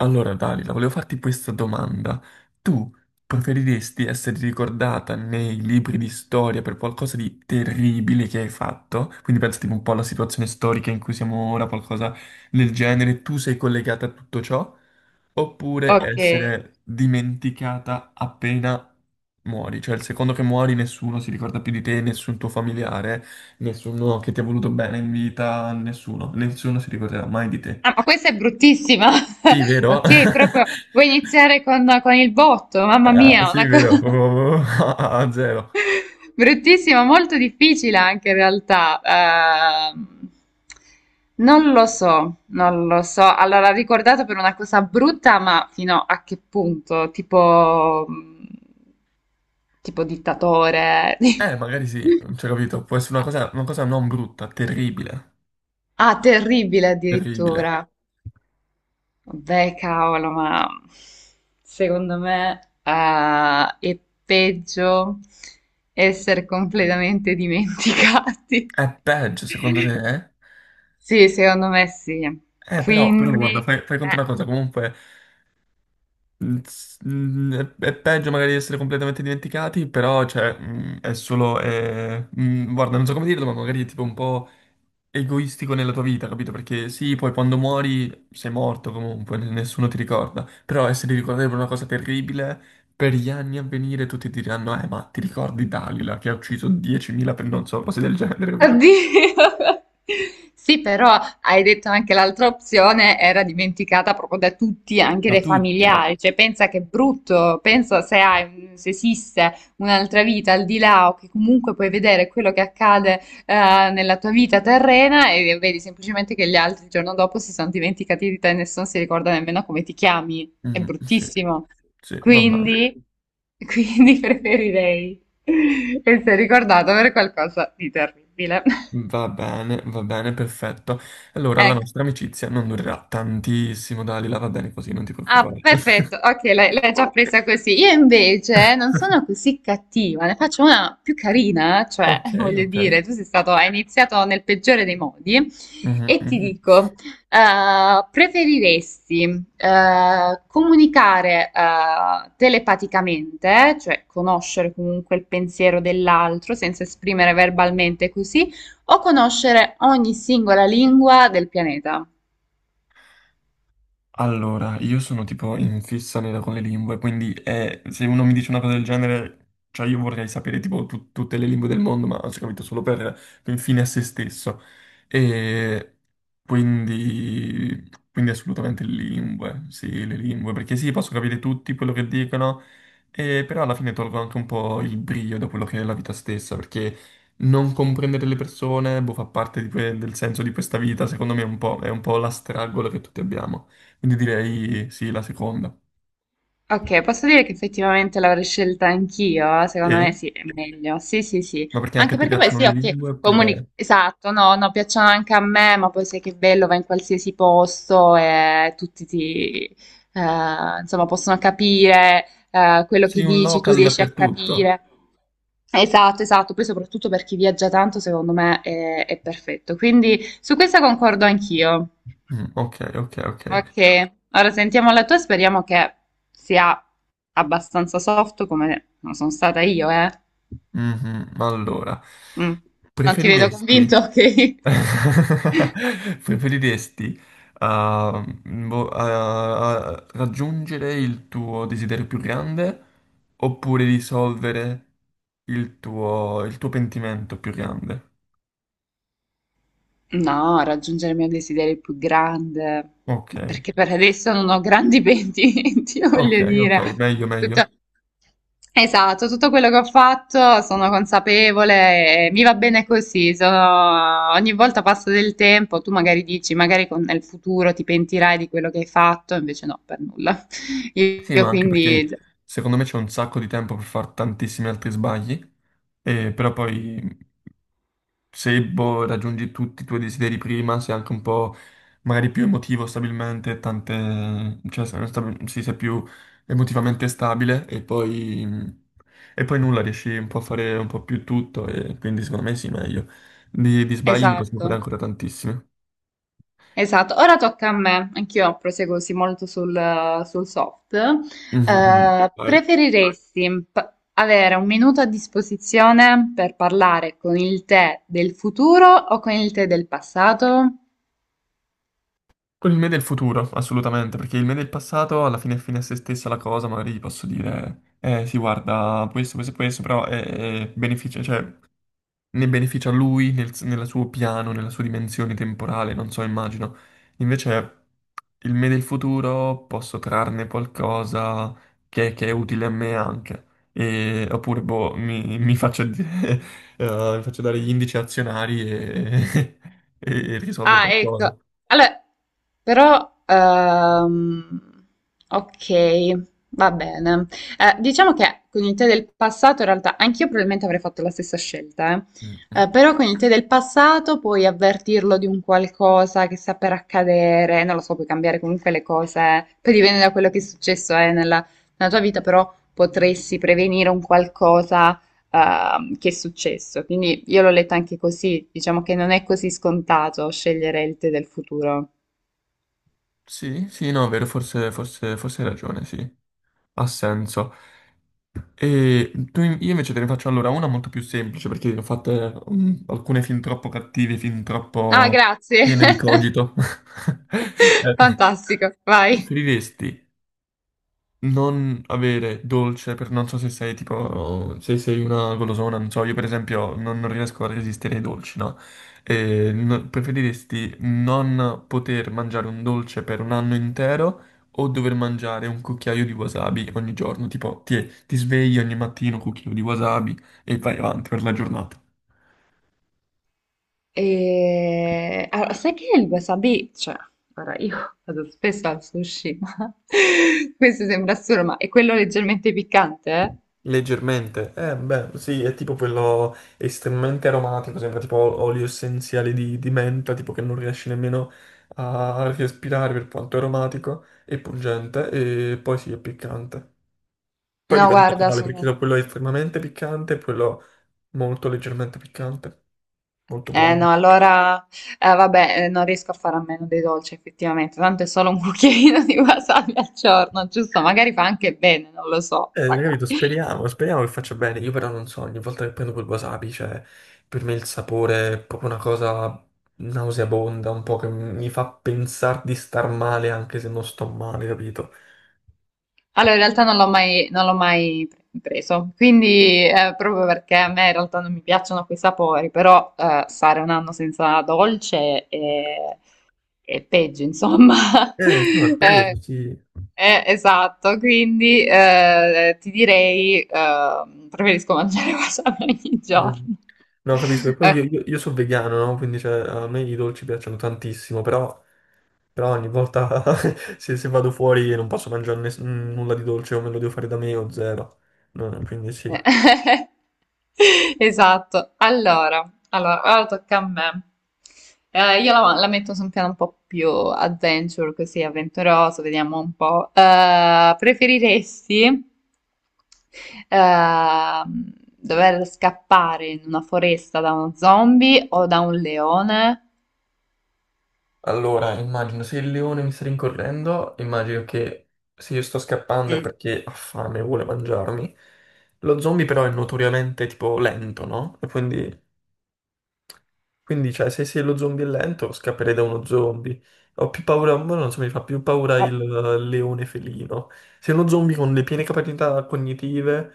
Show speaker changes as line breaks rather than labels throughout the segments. Allora, Dalila, volevo farti questa domanda. Tu preferiresti essere ricordata nei libri di storia per qualcosa di terribile che hai fatto? Quindi pensa tipo un po' alla situazione storica in cui siamo ora, qualcosa del genere, tu sei collegata a tutto ciò? Oppure
Ok.
essere dimenticata appena muori? Cioè il secondo che muori nessuno si ricorda più di te, nessun tuo familiare, nessuno che ti ha voluto bene in vita, nessuno, nessuno si ricorderà mai di te.
Ah, ma questa è bruttissima.
Sì, vero?
Ok, proprio vuoi iniziare con il botto? Mamma
Ah,
mia,
sì,
una
vero,
cosa
proprio a a zero.
bruttissima, molto difficile anche in realtà. Non lo so, non lo so. Allora, ricordato per una cosa brutta, ma fino a che punto? Tipo, tipo dittatore.
Magari sì, cioè, capito, può essere una cosa non brutta, terribile,
Ah, terribile
terribile.
addirittura. Beh, cavolo, ma secondo me è peggio essere completamente dimenticati.
È peggio, secondo te?
Sì, secondo me sì.
Però, però
Quindi,
guarda, fai, fai conto
eh.
una cosa, comunque, è peggio magari di essere completamente dimenticati, però, cioè, è solo, guarda, non so come dirlo, ma magari è tipo un po' egoistico nella tua vita, capito? Perché sì, poi quando muori sei morto comunque, nessuno ti ricorda, però essere ricordato per una cosa terribile, per gli anni a venire tutti ti diranno, ma ti ricordi Dalila che ha ucciso 10.000 per non so, cose del genere, capito?
Oddio. Sì, però hai detto anche l'altra opzione era dimenticata proprio da tutti, anche
Da
dai
tutti.
familiari. Cioè, pensa che è brutto, pensa se hai, se esiste un'altra vita al di là o che comunque puoi vedere quello che accade nella tua vita terrena e vedi semplicemente che gli altri il giorno dopo si sono dimenticati di te e nessuno si ricorda nemmeno come ti chiami.
Sì,
È
mm, sì,
bruttissimo.
sì, va bene.
Quindi, quindi, preferirei. E sei ricordato per qualcosa di terribile.
Va bene, va bene, perfetto. Allora, la nostra
Ecco.
amicizia non durerà tantissimo, Dalila, va bene così, non ti
Ah,
preoccupare.
perfetto, ok, l'hai già Ok. presa così. Io invece non sono così cattiva, ne faccio una più carina, cioè,
Ok,
voglio
ok.
dire, tu sei stato, hai iniziato nel peggiore dei modi
Mhm,
e ti
mhm.
dico, preferiresti comunicare telepaticamente, cioè conoscere comunque il pensiero dell'altro senza esprimere verbalmente così, o conoscere ogni singola lingua del pianeta?
Allora, io sono tipo in fissa nera con le lingue, quindi se uno mi dice una cosa del genere, cioè io vorrei sapere tipo tutte le lingue del mondo, ma ho capito solo per fine a se stesso. E quindi, quindi assolutamente le lingue, sì, le lingue, perché sì, posso capire tutti quello che dicono, e però alla fine tolgo anche un po' il brio da quello che è la vita stessa, perché non comprendere le persone, boh, fa parte di del senso di questa vita, secondo me è un po' la stragola che tutti abbiamo. Quindi direi sì, la seconda.
Ok, posso dire che effettivamente l'avrei scelta anch'io? Secondo me
E?
sì, è meglio. Sì, sì, sì.
Ma perché anche
Anche
ti
perché poi
piacciono
sì,
le
ok,
lingue
comuni...
oppure
Esatto, no, no, piacciono anche a me, ma poi sai che bello, va in qualsiasi posto e tutti ti... insomma, possono capire quello che
sei un
dici, tu
local
riesci a
dappertutto?
capire. Esatto, esatto, poi soprattutto per chi viaggia tanto, secondo me è perfetto. Quindi su questa concordo anch'io.
Mm, ok, ok, ok.
Ok, ora sentiamo la tua, speriamo che sia abbastanza soft come non sono stata io, eh.
Mhm, allora,
Mm. Non ti vedo convinto,
preferiresti,
ok?
preferiresti ah, boh, ah, ah, raggiungere il tuo desiderio più grande oppure risolvere il tuo pentimento più grande?
No, raggiungere il mio desiderio più grande,
Ok,
ma perché per adesso non ho grandi pentimenti,
ok,
voglio
ok,
dire.
meglio, meglio.
Tutto- Esatto, tutto quello che ho fatto sono consapevole e mi va bene così. Sono- Ogni volta passa del tempo, tu magari dici, magari con- nel futuro ti pentirai di quello che hai fatto, invece no, per nulla.
Sì, ma
Io
anche
quindi,
perché secondo me c'è un sacco di tempo per fare tantissimi altri sbagli, e però poi se boh, raggiungi tutti i tuoi desideri prima, sei anche un po' magari più emotivo stabilmente, tante, cioè sì, sei più emotivamente stabile e poi nulla, riesci un po' a fare un po' più tutto e quindi secondo me sì, meglio. Di sbagli ne possiamo fare
esatto,
ancora tantissimi.
esatto. Ora tocca a me, anch'io proseguo così molto sul soft.
Mhm, mhm. Vai.
Preferiresti p- avere un minuto a disposizione per parlare con il te del futuro o con il te del passato?
Con il me del futuro, assolutamente, perché il me del passato alla fine è fine a se stessa la cosa, magari gli posso dire, eh sì, guarda, questo e questo, però è beneficia, cioè, ne beneficia lui nel, nel suo piano, nella sua dimensione temporale, non so, immagino. Invece il me del futuro posso trarne qualcosa che è utile a me anche, oppure boh, mi faccio dare gli indici azionari e, e risolvo
Ah,
qualcosa.
ecco. Allora, però, ok, va bene. Diciamo che con il tè del passato, in realtà, anch'io probabilmente avrei fatto la stessa scelta, eh.
Mm, mm.
Però con il tè del passato puoi avvertirlo di un qualcosa che sta per accadere, non lo so, puoi cambiare comunque le cose, poi dipende da quello che è successo, nella tua vita, però potresti prevenire un qualcosa che è successo. Quindi io l'ho letto anche così, diciamo che non è così scontato scegliere il tè del futuro.
Sì, sì, no, è vero, forse, forse, forse hai ragione, sì, ha senso. E tu, io invece te ne faccio allora una molto più semplice, perché ne ho fatte alcune fin troppo cattive, fin
Ah,
troppo
grazie.
piene di cogito.
Fantastico, vai.
Preferiresti non avere dolce per non so se sei tipo se sei una golosona, non so, io per esempio non, non riesco a resistere ai dolci, no? E preferiresti non poter mangiare un dolce per un anno intero o dover mangiare un cucchiaio di wasabi ogni giorno? Tipo ti, ti svegli ogni mattino un cucchiaio di wasabi e vai avanti per la giornata.
E... Allora, sai che il wasabi, cioè, ora io vado spesso al sushi, ma questo sembra assurdo, ma è quello leggermente piccante,
Leggermente, eh beh, sì, è tipo quello estremamente aromatico, sembra tipo olio essenziale di menta, tipo che non riesci nemmeno a respirare per quanto è aromatico e pungente, e poi sì, è piccante.
eh?
Poi
No,
dipende da
guarda,
quale,
sono
perché quello è estremamente piccante e quello molto leggermente piccante, molto
Eh
blando.
no, allora, vabbè, non riesco a fare a meno dei dolci effettivamente, tanto è solo un cucchiaino di wasabi al giorno, giusto? Magari fa anche bene, non lo so,
Capito?
magari.
Speriamo, speriamo che faccia bene. Io però non so, ogni volta che prendo quel wasabi, cioè, per me il sapore è proprio una cosa nauseabonda, un po' che mi fa pensare di star male anche se non sto male, capito?
Allora, in realtà non l'ho mai, non l'ho mai pre- preso, quindi proprio perché a me in realtà non mi piacciono quei sapori, però stare un anno senza dolce è peggio, insomma.
No, è
Eh,
peso, sì.
esatto, quindi ti direi, preferisco mangiare wasabi ogni
Mm.
giorno.
No, capisco. E poi
Eh,
io sono vegano, no? Quindi, cioè, a me i dolci piacciono tantissimo, però, però ogni volta se, se vado fuori non posso mangiare nulla di dolce o me lo devo fare da me o zero. No, quindi sì.
esatto. Allora, allora, ora tocca a me. Io la metto su un piano un po' più adventure, così avventuroso, vediamo un po'. Preferiresti dover scappare in una foresta da uno zombie o da un leone?
Allora, immagino se il leone mi sta rincorrendo, immagino che se io sto scappando è
Mm.
perché ha fame e vuole mangiarmi. Lo zombie però è notoriamente tipo lento, no? E quindi, quindi, cioè, se, se lo zombie è lento, scapperei da uno zombie. Ho più paura, ma non so, mi fa più paura
Eh,
il leone felino. Se è uno zombie con le piene capacità cognitive,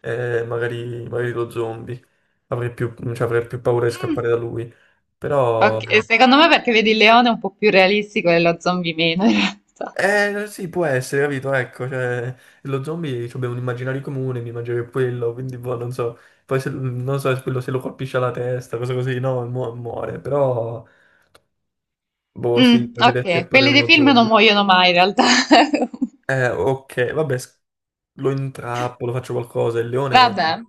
magari, magari lo zombie. Avrei più, cioè, avrei più paura di
mm,
scappare da lui. Però
ok, secondo me perché vedi il leone è un po' più realistico e lo zombie meno in realtà.
eh, sì, può essere, capito? Ecco, cioè, lo zombie cioè, abbiamo un immaginario comune, mi immagino che quello, quindi boh, non so. Poi se, non so se quello se lo colpisce alla testa, cose così, no, muore, però, boh, sì,
Mm,
puoi vedere
ok,
scappare
quelli
da
dei
uno
film non
zombie.
muoiono mai in realtà.
Ok, vabbè, lo intrappolo, faccio qualcosa, il leone è
Vabbè,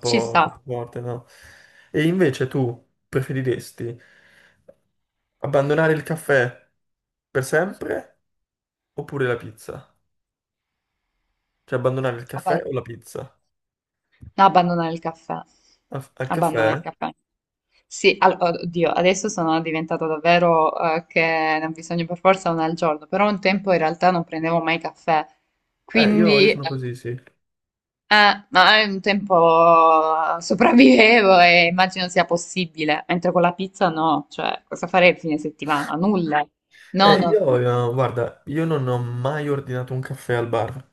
ci
troppo
sta.
forte, no? E invece tu preferiresti abbandonare il caffè per sempre oppure la pizza? Cioè, abbandonare il caffè
Abba-
o la pizza?
no, abbandonare il caffè.
Al, al caffè?
Abbandonare il caffè. Sì, al- oddio, adesso sono diventato davvero che ne ho bisogno per forza una al giorno, però un tempo in realtà non prendevo mai caffè,
Io
quindi
sono così, sì.
ma è un tempo sopravvivevo e immagino sia possibile, mentre con la pizza no, cioè cosa farei il fine settimana? Nulla. No, no,
Io,
no.
guarda, io non ho mai ordinato un caffè al bar.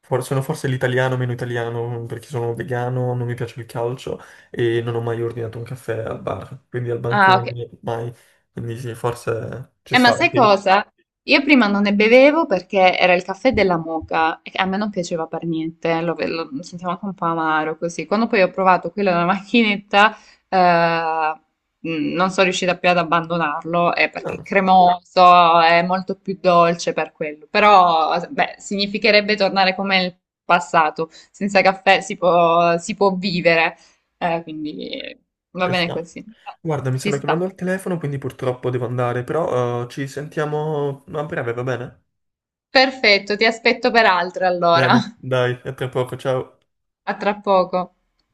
Sono forse l'italiano meno italiano perché sono vegano, non mi piace il calcio e non ho mai ordinato un caffè al bar. Quindi al
Ah, ok.
bancone, mai. Quindi sì, forse ci sta.
Ma sai
Anche
cosa? Io prima non ne bevevo perché era il caffè della moka e a me non piaceva per niente, lo sentivo anche un po' amaro così. Quando poi ho provato quello della macchinetta, eh, non sono riuscita più ad abbandonarlo, perché è
no,
cremoso, è molto più dolce per quello. Però, beh, significherebbe tornare come nel passato, senza caffè si può vivere, quindi va
ci
bene
sta.
così,
Guarda, mi
ci
stanno
sta.
chiamando al telefono, quindi purtroppo devo andare, però ci sentiamo a breve, va bene?
Perfetto, ti aspetto per altre allora.
Bene, dai, a tra poco, ciao.
A tra poco.